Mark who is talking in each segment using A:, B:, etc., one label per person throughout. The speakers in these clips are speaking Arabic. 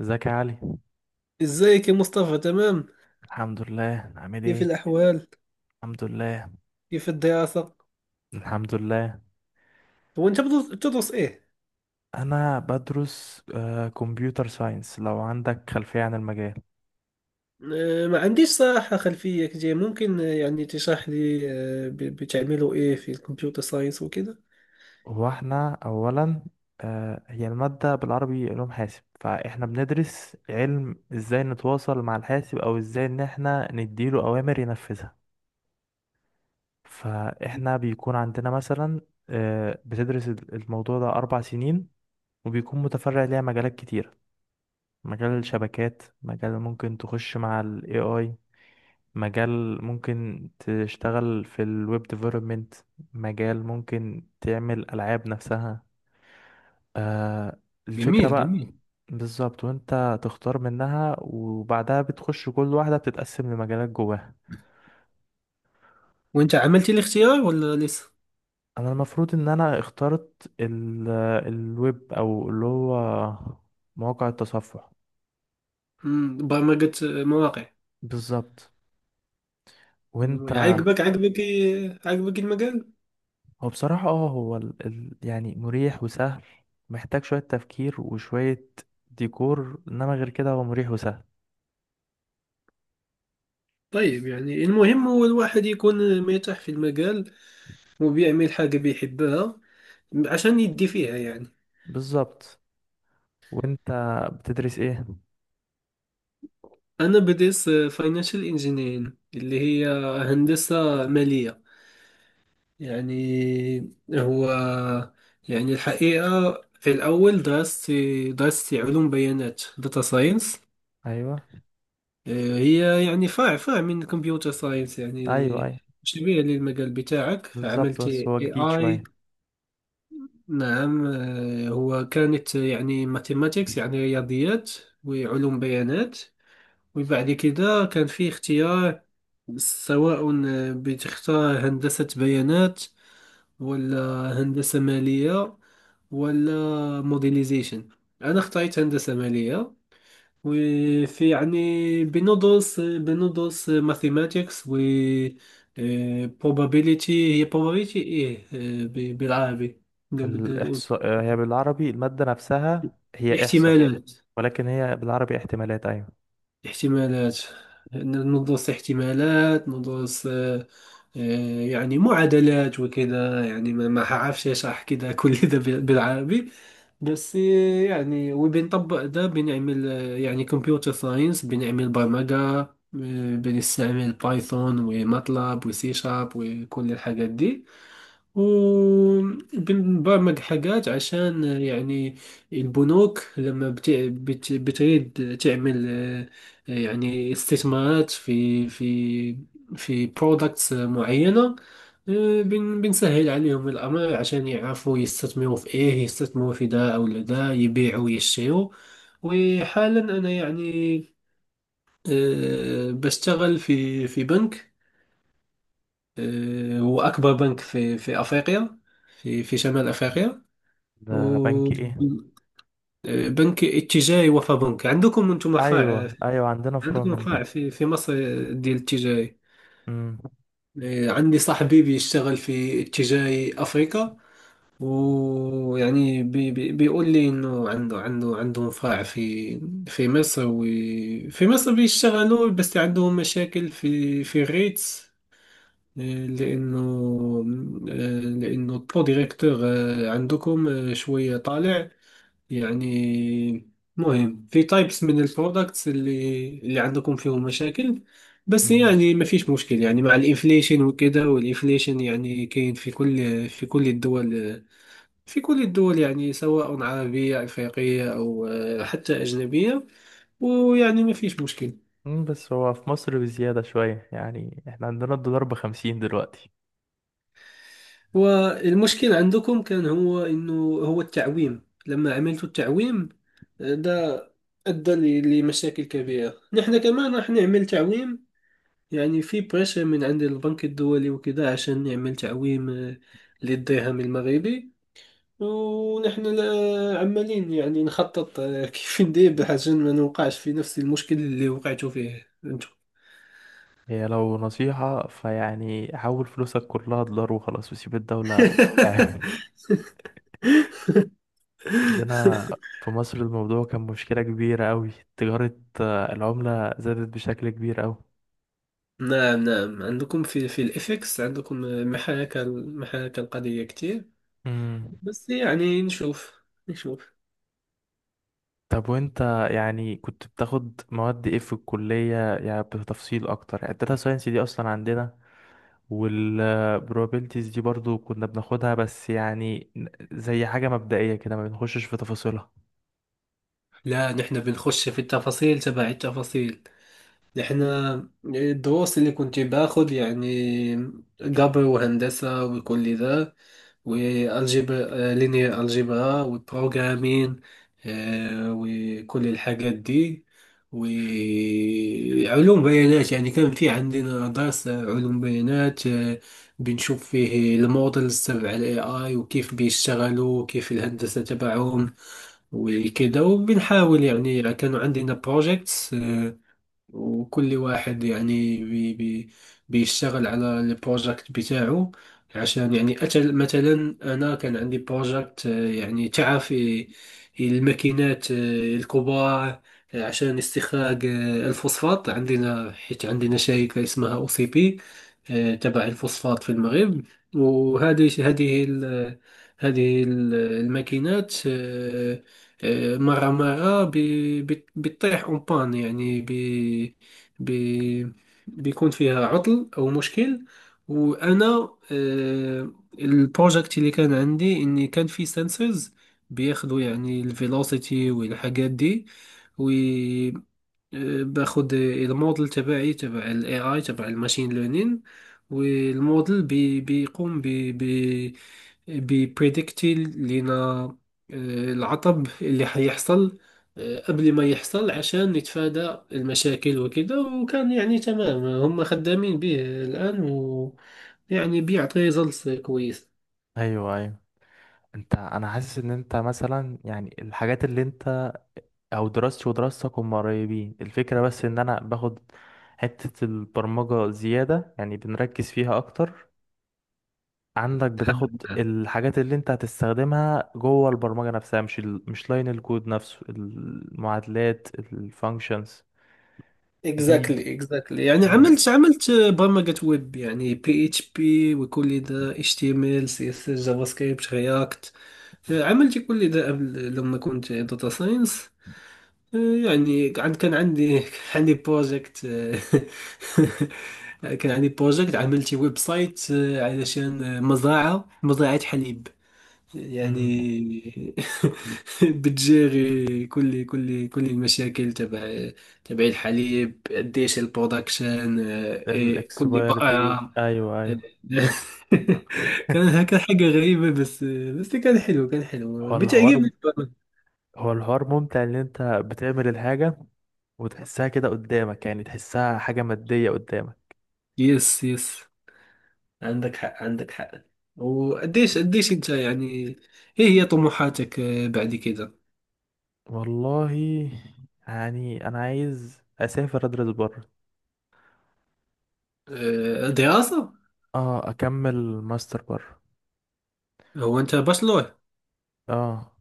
A: ازيك يا علي؟
B: ازيك يا مصطفى؟ تمام،
A: الحمد لله، عامل
B: كيف
A: ايه؟
B: الأحوال؟
A: الحمد لله.
B: كيف الدراسة؟
A: الحمد لله.
B: هو أنت بتدرس تدرس إيه؟
A: انا بدرس كمبيوتر ساينس. لو عندك خلفية عن المجال.
B: آه، ما عنديش صراحة خلفية كتير. ممكن يعني تشرح لي بتعملوا إيه في الكمبيوتر ساينس وكذا؟
A: هو احنا اولا، هي المادة بالعربي علوم حاسب، فاحنا بندرس علم ازاي نتواصل مع الحاسب او ازاي ان احنا نديله اوامر ينفذها. فاحنا بيكون عندنا مثلا، بتدرس الموضوع ده 4 سنين وبيكون متفرع ليها مجالات كتير. مجال الشبكات، مجال ممكن تخش مع ال AI، مجال ممكن تشتغل في ال Web Development، مجال ممكن تعمل ألعاب نفسها. آه الفكرة
B: جميل
A: بقى.
B: جميل.
A: بالظبط، وانت تختار منها وبعدها بتخش كل واحدة بتتقسم لمجالات جواها.
B: وأنت عملتي الاختيار ولا لسه؟
A: انا المفروض ان انا اخترت ال الويب، او اللي هو مواقع التصفح.
B: برمجة، مواقع.
A: بالظبط. وانت.
B: والله عجبك عجبك المجال؟
A: هو بصراحة هو يعني مريح وسهل. محتاج شوية تفكير وشوية ديكور، انما غير كده هو مريح وسهل.
B: طيب، يعني المهم هو الواحد يكون مرتاح في المجال وبيعمل حاجة بيحبها عشان يدي فيها يعني.
A: بالظبط. وانت بتدرس ايه؟
B: أنا بديت فاينانشال انجينيرينج، اللي هي هندسة مالية. يعني هو، يعني الحقيقة في الأول درست، درست علوم بيانات، داتا ساينس.
A: ايوه،
B: هي يعني فرع من كمبيوتر ساينس
A: ايوه،
B: يعني،
A: ايوه.
B: شبيه للمجال بتاعك.
A: بالظبط،
B: عملت
A: بس
B: اي
A: هو جديد
B: اي.
A: شوية.
B: نعم. آه، هو كانت يعني ماثيماتيكس، يعني رياضيات وعلوم بيانات. وبعد كده كان فيه اختيار، سواء بتختار هندسة بيانات، ولا هندسة مالية، ولا موديليزيشن. أنا اخترت هندسة مالية. وفي يعني، بندرس ماثيماتيكس، و probability. هي probability إيه بالعربي؟ نقدر نقول
A: الاحصاء، هي بالعربي المادة نفسها هي احصاء.
B: احتمالات.
A: ولكن هي بالعربي احتمالات، ايوه.
B: احتمالات. ندرس احتمالات، ندرس آه، يعني معادلات وكذا. يعني ما حعرفش اشرح كذا. كل ده بالعربي. بس يعني وبنطبق ده. بنعمل يعني كمبيوتر ساينس، بنعمل برمجة. بنستعمل بايثون وماتلاب وسي شارب وكل الحاجات دي. وبنبرمج حاجات عشان يعني البنوك لما بتريد تعمل يعني استثمارات في في برودكتس معينة. آه، بنسهل عليهم الأمر عشان يعرفوا يستثمروا في إيه، يستثمروا في ده أو ده، يبيعوا ويشتروا. وحالا أنا يعني بشتغل في بنك. آه، هو أكبر بنك في أفريقيا، في شمال أفريقيا. و
A: ده بنك ايه؟
B: بنك اتجاهي. وفبنك عندكم أنتم فرع،
A: ايوه، ايوه، عندنا فروع
B: عندكم
A: منه.
B: فرع في مصر، ديال اتجاهي.
A: امم.
B: آه، عندي صاحبي بيشتغل في اتجاهي أفريقيا، ويعني بي بي بيقول لي إنه عندهم فرع في في مصر، وفي مصر بيشتغلوا، بس عندهم مشاكل في الريتس. لأنه، لأنه البرو ديريكتور عندكم شوية طالع، يعني مهم في تايبس من البرودكتس اللي عندكم فيهم مشاكل. بس
A: أمم.
B: يعني ما فيش مشكل يعني مع الانفليشن وكده. والانفليشن يعني كاين في كل، في كل الدول. في كل الدول يعني، سواء عربية أفريقية أو حتى أجنبية، ويعني ما فيش مشكل.
A: بس هو في مصر بزيادة شوية، يعني احنا عندنا الدولار بخمسين دلوقتي.
B: والمشكل عندكم كان هو انه، هو التعويم، لما عملت التعويم ده، ادى لمشاكل كبيره. نحن كمان راح نعمل تعويم، يعني في بريشر من عند البنك الدولي وكذا عشان نعمل تعويم للدرهم المغربي. ونحن عمالين يعني نخطط. آه، كيف ندير عشان ما نوقعش في نفس المشكل اللي وقعتوا فيه انتم.
A: هي لو نصيحة، فيعني حول فلوسك كلها دولار وخلاص وسيب الدولة. آه. عندنا في مصر الموضوع كان مشكلة كبيرة أوي. تجارة، العملة زادت بشكل كبير أوي.
B: نعم نعم. عندكم في الإفكس، عندكم محاكاة القضية كتير.
A: امم.
B: بس يعني نشوف، نشوف.
A: طب، وانت يعني كنت بتاخد مواد ايه في الكلية؟ يعني بتفصيل اكتر. يعني الداتا ساينس دي اصلا عندنا، والبروبابيلتيز دي برضو كنا بناخدها، بس يعني زي حاجة مبدئية كده ما بنخشش في تفاصيلها.
B: لا، نحن بنخش في التفاصيل، تبع التفاصيل. نحن الدروس اللي كنت باخذ يعني، قبر وهندسة وكل ذا، والجبر لينير، الجبرا، والبروغرامين، وكل الحاجات دي. وعلوم بيانات يعني، كان في عندنا درس علوم بيانات. آه، بنشوف فيه المودلز تبع الاي اي، وكيف بيشتغلوا وكيف الهندسة تبعهم وكده. وبنحاول يعني، كانوا عندنا بروجيكتس، وكل واحد يعني بي بي بيشتغل على البروجكت بتاعه عشان يعني أتل. مثلا أنا كان عندي بروجكت. آه، يعني تعرف الماكينات الكبار، آه، عشان استخراج الفوسفات. عندنا حيت عندنا شركة اسمها أو سي بي، آه، تبع الفوسفات في المغرب. وهذه، الماكينات، آه، مرة بتطيح اون بان، يعني بي بي بيكون فيها عطل أو مشكل. وأنا، آه، البروجكت اللي كان عندي إني كان في سنسورز بياخدوا يعني الفيلوسيتي والحاجات دي. باخد الموديل تبعي تبع الاي اي تبع الماشين ليرنين، والموديل بيقوم ب ببريدكتي لنا العطب اللي حيحصل قبل ما يحصل، عشان نتفادى المشاكل وكده. وكان يعني تمام، هم خدامين به الآن، ويعني بيعطي ريزلتس كويس.
A: ايوه، ايوه. انت، انا حاسس ان انت مثلا يعني الحاجات اللي انت، او دراستي ودراستك هم قريبين الفكرة، بس ان انا باخد حتة البرمجة زيادة يعني بنركز فيها اكتر. عندك بتاخد الحاجات اللي انت هتستخدمها جوه البرمجة نفسها، مش مش لاين الكود نفسه، المعادلات الفانكشنز دي.
B: اكزاكتلي اكزاكتلي. يعني
A: ايوه.
B: عملت برمجة ويب، يعني بي اتش بي وكل ذا، اتش تي ام ال، سي اس اس، جافا سكريبت، رياكت. عملت كل ذا قبل لما كنت داتا ساينس. يعني كان كان عندي كان عندي بروجكت. كان عندي بروجكت، عملت ويب سايت علشان مزرعة حليب يعني. بتجيري كل المشاكل تبع، تبع الحليب، قديش البرودكشن، آه، إيه، كل
A: الاكسباير ديت،
B: بقعة.
A: ايوه، ايوه.
B: كان هكا حاجة غريبة، بس بس كان حلو، كان حلو،
A: هو الحوار
B: بتعجبني البرمجة.
A: هو الحوار ممتع ان انت بتعمل الحاجة وتحسها كده قدامك، يعني تحسها حاجة مادية قدامك.
B: يس يس. عندك حق. وقديش قديش انت يعني، ايه هي طموحاتك بعد كده؟
A: والله، يعني أنا عايز أسافر أدرس بره.
B: آه، دراسة.
A: اه أكمل ماستر بره.
B: هو انت بشلور؟
A: اه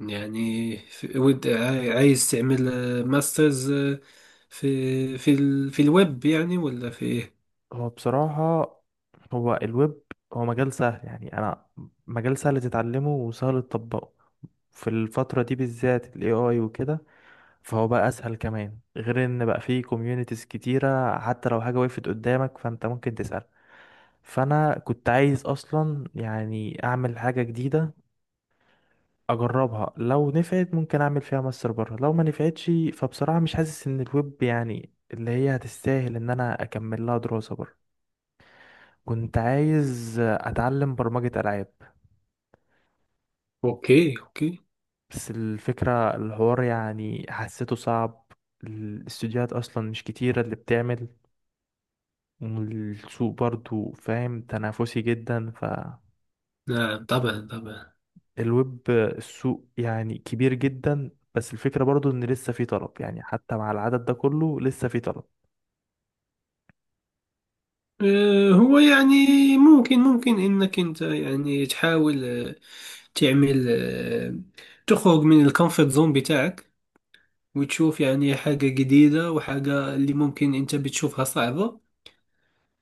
B: يعني عايز تعمل ماسترز في الويب يعني، ولا في ايه؟
A: هو بصراحة هو الويب هو مجال سهل. يعني أنا مجال سهل تتعلمه وسهل تطبقه. في الفترة دي بالذات ال AI وكده، فهو بقى أسهل كمان، غير إن بقى فيه كوميونيتيز كتيرة، حتى لو حاجة وقفت قدامك فأنت ممكن تسأل. فانا كنت عايز اصلا يعني اعمل حاجه جديده اجربها، لو نفعت ممكن اعمل فيها ماستر بره، لو ما نفعتش فبصراحة مش حاسس ان الويب يعني اللي هي هتستاهل ان انا اكمل لها دراسة بره. كنت عايز اتعلم برمجة العاب،
B: اوكي اوكي.
A: بس الفكرة الحوار يعني حسيته صعب. الاستوديوهات اصلا مش كتيرة اللي بتعمل، والسوق برضو فاهم تنافسي جدا فالويب.
B: نعم طبعا طبعا.
A: السوق يعني كبير جدا، بس الفكرة برضو ان لسه في طلب، يعني حتى مع العدد ده كله لسه في طلب.
B: آه، هو يعني، ممكن انك انت يعني تحاول تعمل تخرج من الكومفورت زون بتاعك، وتشوف يعني حاجة جديدة، وحاجة اللي ممكن انت بتشوفها صعبة،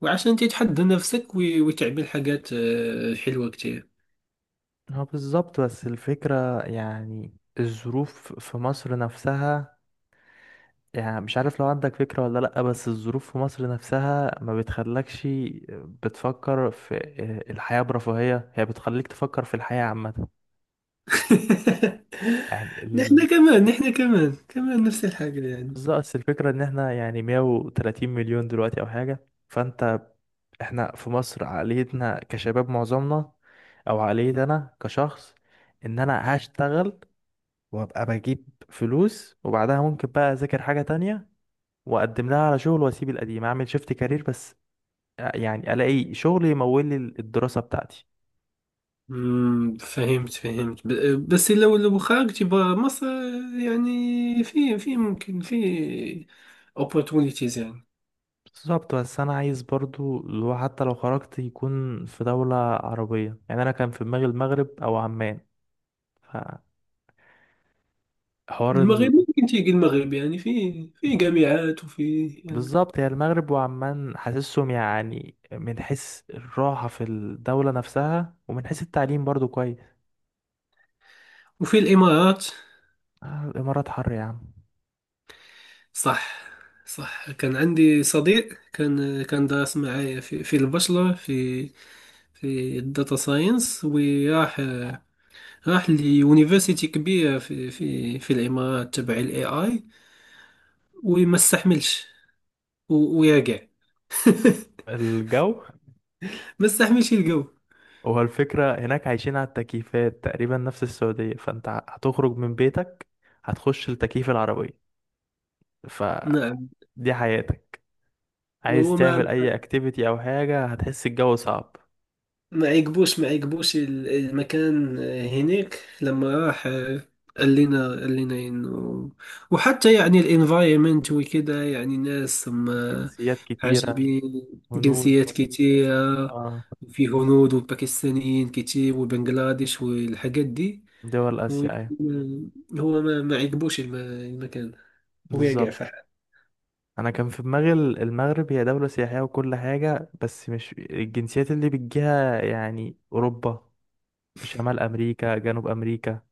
B: وعشان تتحدى نفسك وتعمل حاجات حلوة كتير.
A: اه، بالظبط، بس الفكرة يعني الظروف في مصر نفسها، يعني مش عارف لو عندك فكرة ولا لأ، بس الظروف في مصر نفسها ما بتخلكش بتفكر في الحياة برفاهية، هي بتخليك تفكر في الحياة عامة. يعني ال...
B: نحن كمان، نحن كمان نفس الحاجة يعني.
A: بس بس الفكرة ان احنا يعني 130 مليون دلوقتي او حاجة، فانت احنا في مصر عقليتنا كشباب معظمنا، او عقلية انا كشخص، ان انا هشتغل وابقى بجيب فلوس وبعدها ممكن بقى اذاكر حاجة تانية واقدم لها على شغل واسيب القديم اعمل شيفت كارير، بس يعني الاقي شغل يمول لي الدراسة بتاعتي.
B: مم، فهمت بس لو خرجت برا مصر يعني، في في ممكن في opportunities يعني.
A: بالظبط، بس انا عايز برضو لو حتى لو خرجت يكون في دولة عربية، يعني انا كان في دماغي المغرب او عمان. فحوار ال...
B: المغرب، ممكن تيجي المغرب، يعني في في جامعات وفي يعني.
A: بالظبط، هي المغرب وعمان حاسسهم يعني من حيث الراحة في الدولة نفسها، ومن حيث التعليم برضو كويس.
B: وفي الإمارات.
A: الامارات حر يا عم.
B: صح صح. كان عندي صديق، كان كان دارس معايا في البشرة، في في الداتا ساينس. وراح، راح ليونيفرسيتي كبيرة في الإمارات تبع الاي اي، وما استحملش، ويرجع.
A: الجو.
B: ما استحملش يلقاو.
A: هو الفكرة هناك عايشين على التكييفات تقريبا نفس السعودية، فانت هتخرج من بيتك هتخش التكييف العربية،
B: نعم.
A: فدي حياتك. عايز
B: وهو ما،
A: تعمل اي اكتيفيتي او حاجة هتحس الجو صعب.
B: ما عجبوش المكان هناك لما راح. قال لنا انه، وحتى يعني الانفايرمنت وكده، يعني ناس هم
A: جنسيات كتيرة.
B: عجبين،
A: هنود.
B: جنسيات كتيرة.
A: اه،
B: في هنود وباكستانيين كتير وبنجلاديش والحاجات دي.
A: دول
B: هو
A: اسيا، ايوه.
B: يكون- هو ما, ما عجبوش المكان، ويقع
A: بالظبط،
B: في حال.
A: انا كان في دماغي المغرب هي دولة سياحية وكل حاجة، بس مش الجنسيات اللي بتجيها يعني اوروبا شمال امريكا جنوب امريكا.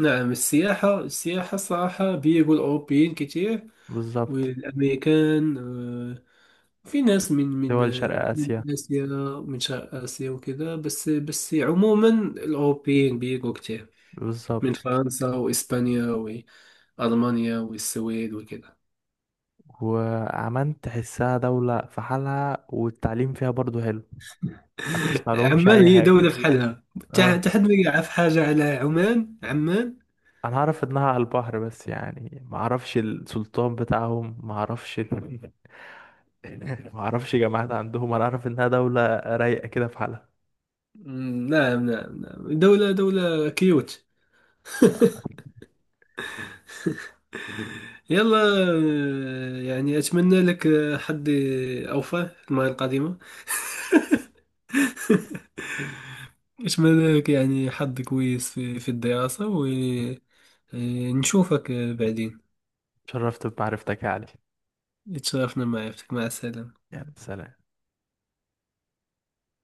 B: نعم. السياحة، السياحة الصراحة بيجوا الأوروبيين كتير،
A: بالظبط.
B: والأمريكان. آه، في ناس من من
A: دول شرق
B: من
A: اسيا.
B: آسيا، من شرق آسيا وكذا. بس بس عموما الأوروبيين بيجوا كتير، من
A: بالظبط،
B: فرنسا وإسبانيا وألمانيا والسويد وكذا.
A: وعمان تحسها دولة في حالها والتعليم فيها برضو حلو. ما بتسمع لهمش
B: عمان
A: أي
B: هي
A: حاجة.
B: دولة في حالها. تا
A: اه،
B: تا حد ما يعرف حاجة على عمان. عمان،
A: أنا أعرف إنها على البحر، بس يعني ما أعرفش السلطان بتاعهم، ما أعرفش ال... ما أعرفش جامعات عندهم، أنا أعرف إنها دولة رايقة كده في حالها.
B: مم، نعم دولة، دولة كيوت. يلا، يعني أتمنى لك حظ أوفى في المرة القادمة. أتمنى لك يعني حظ كويس في, في الدراسة، ونشوفك بعدين.
A: شرفت بمعرفتك يا علي.
B: اتشرفنا معرفتك، مع السلامة.
A: يلا سلام.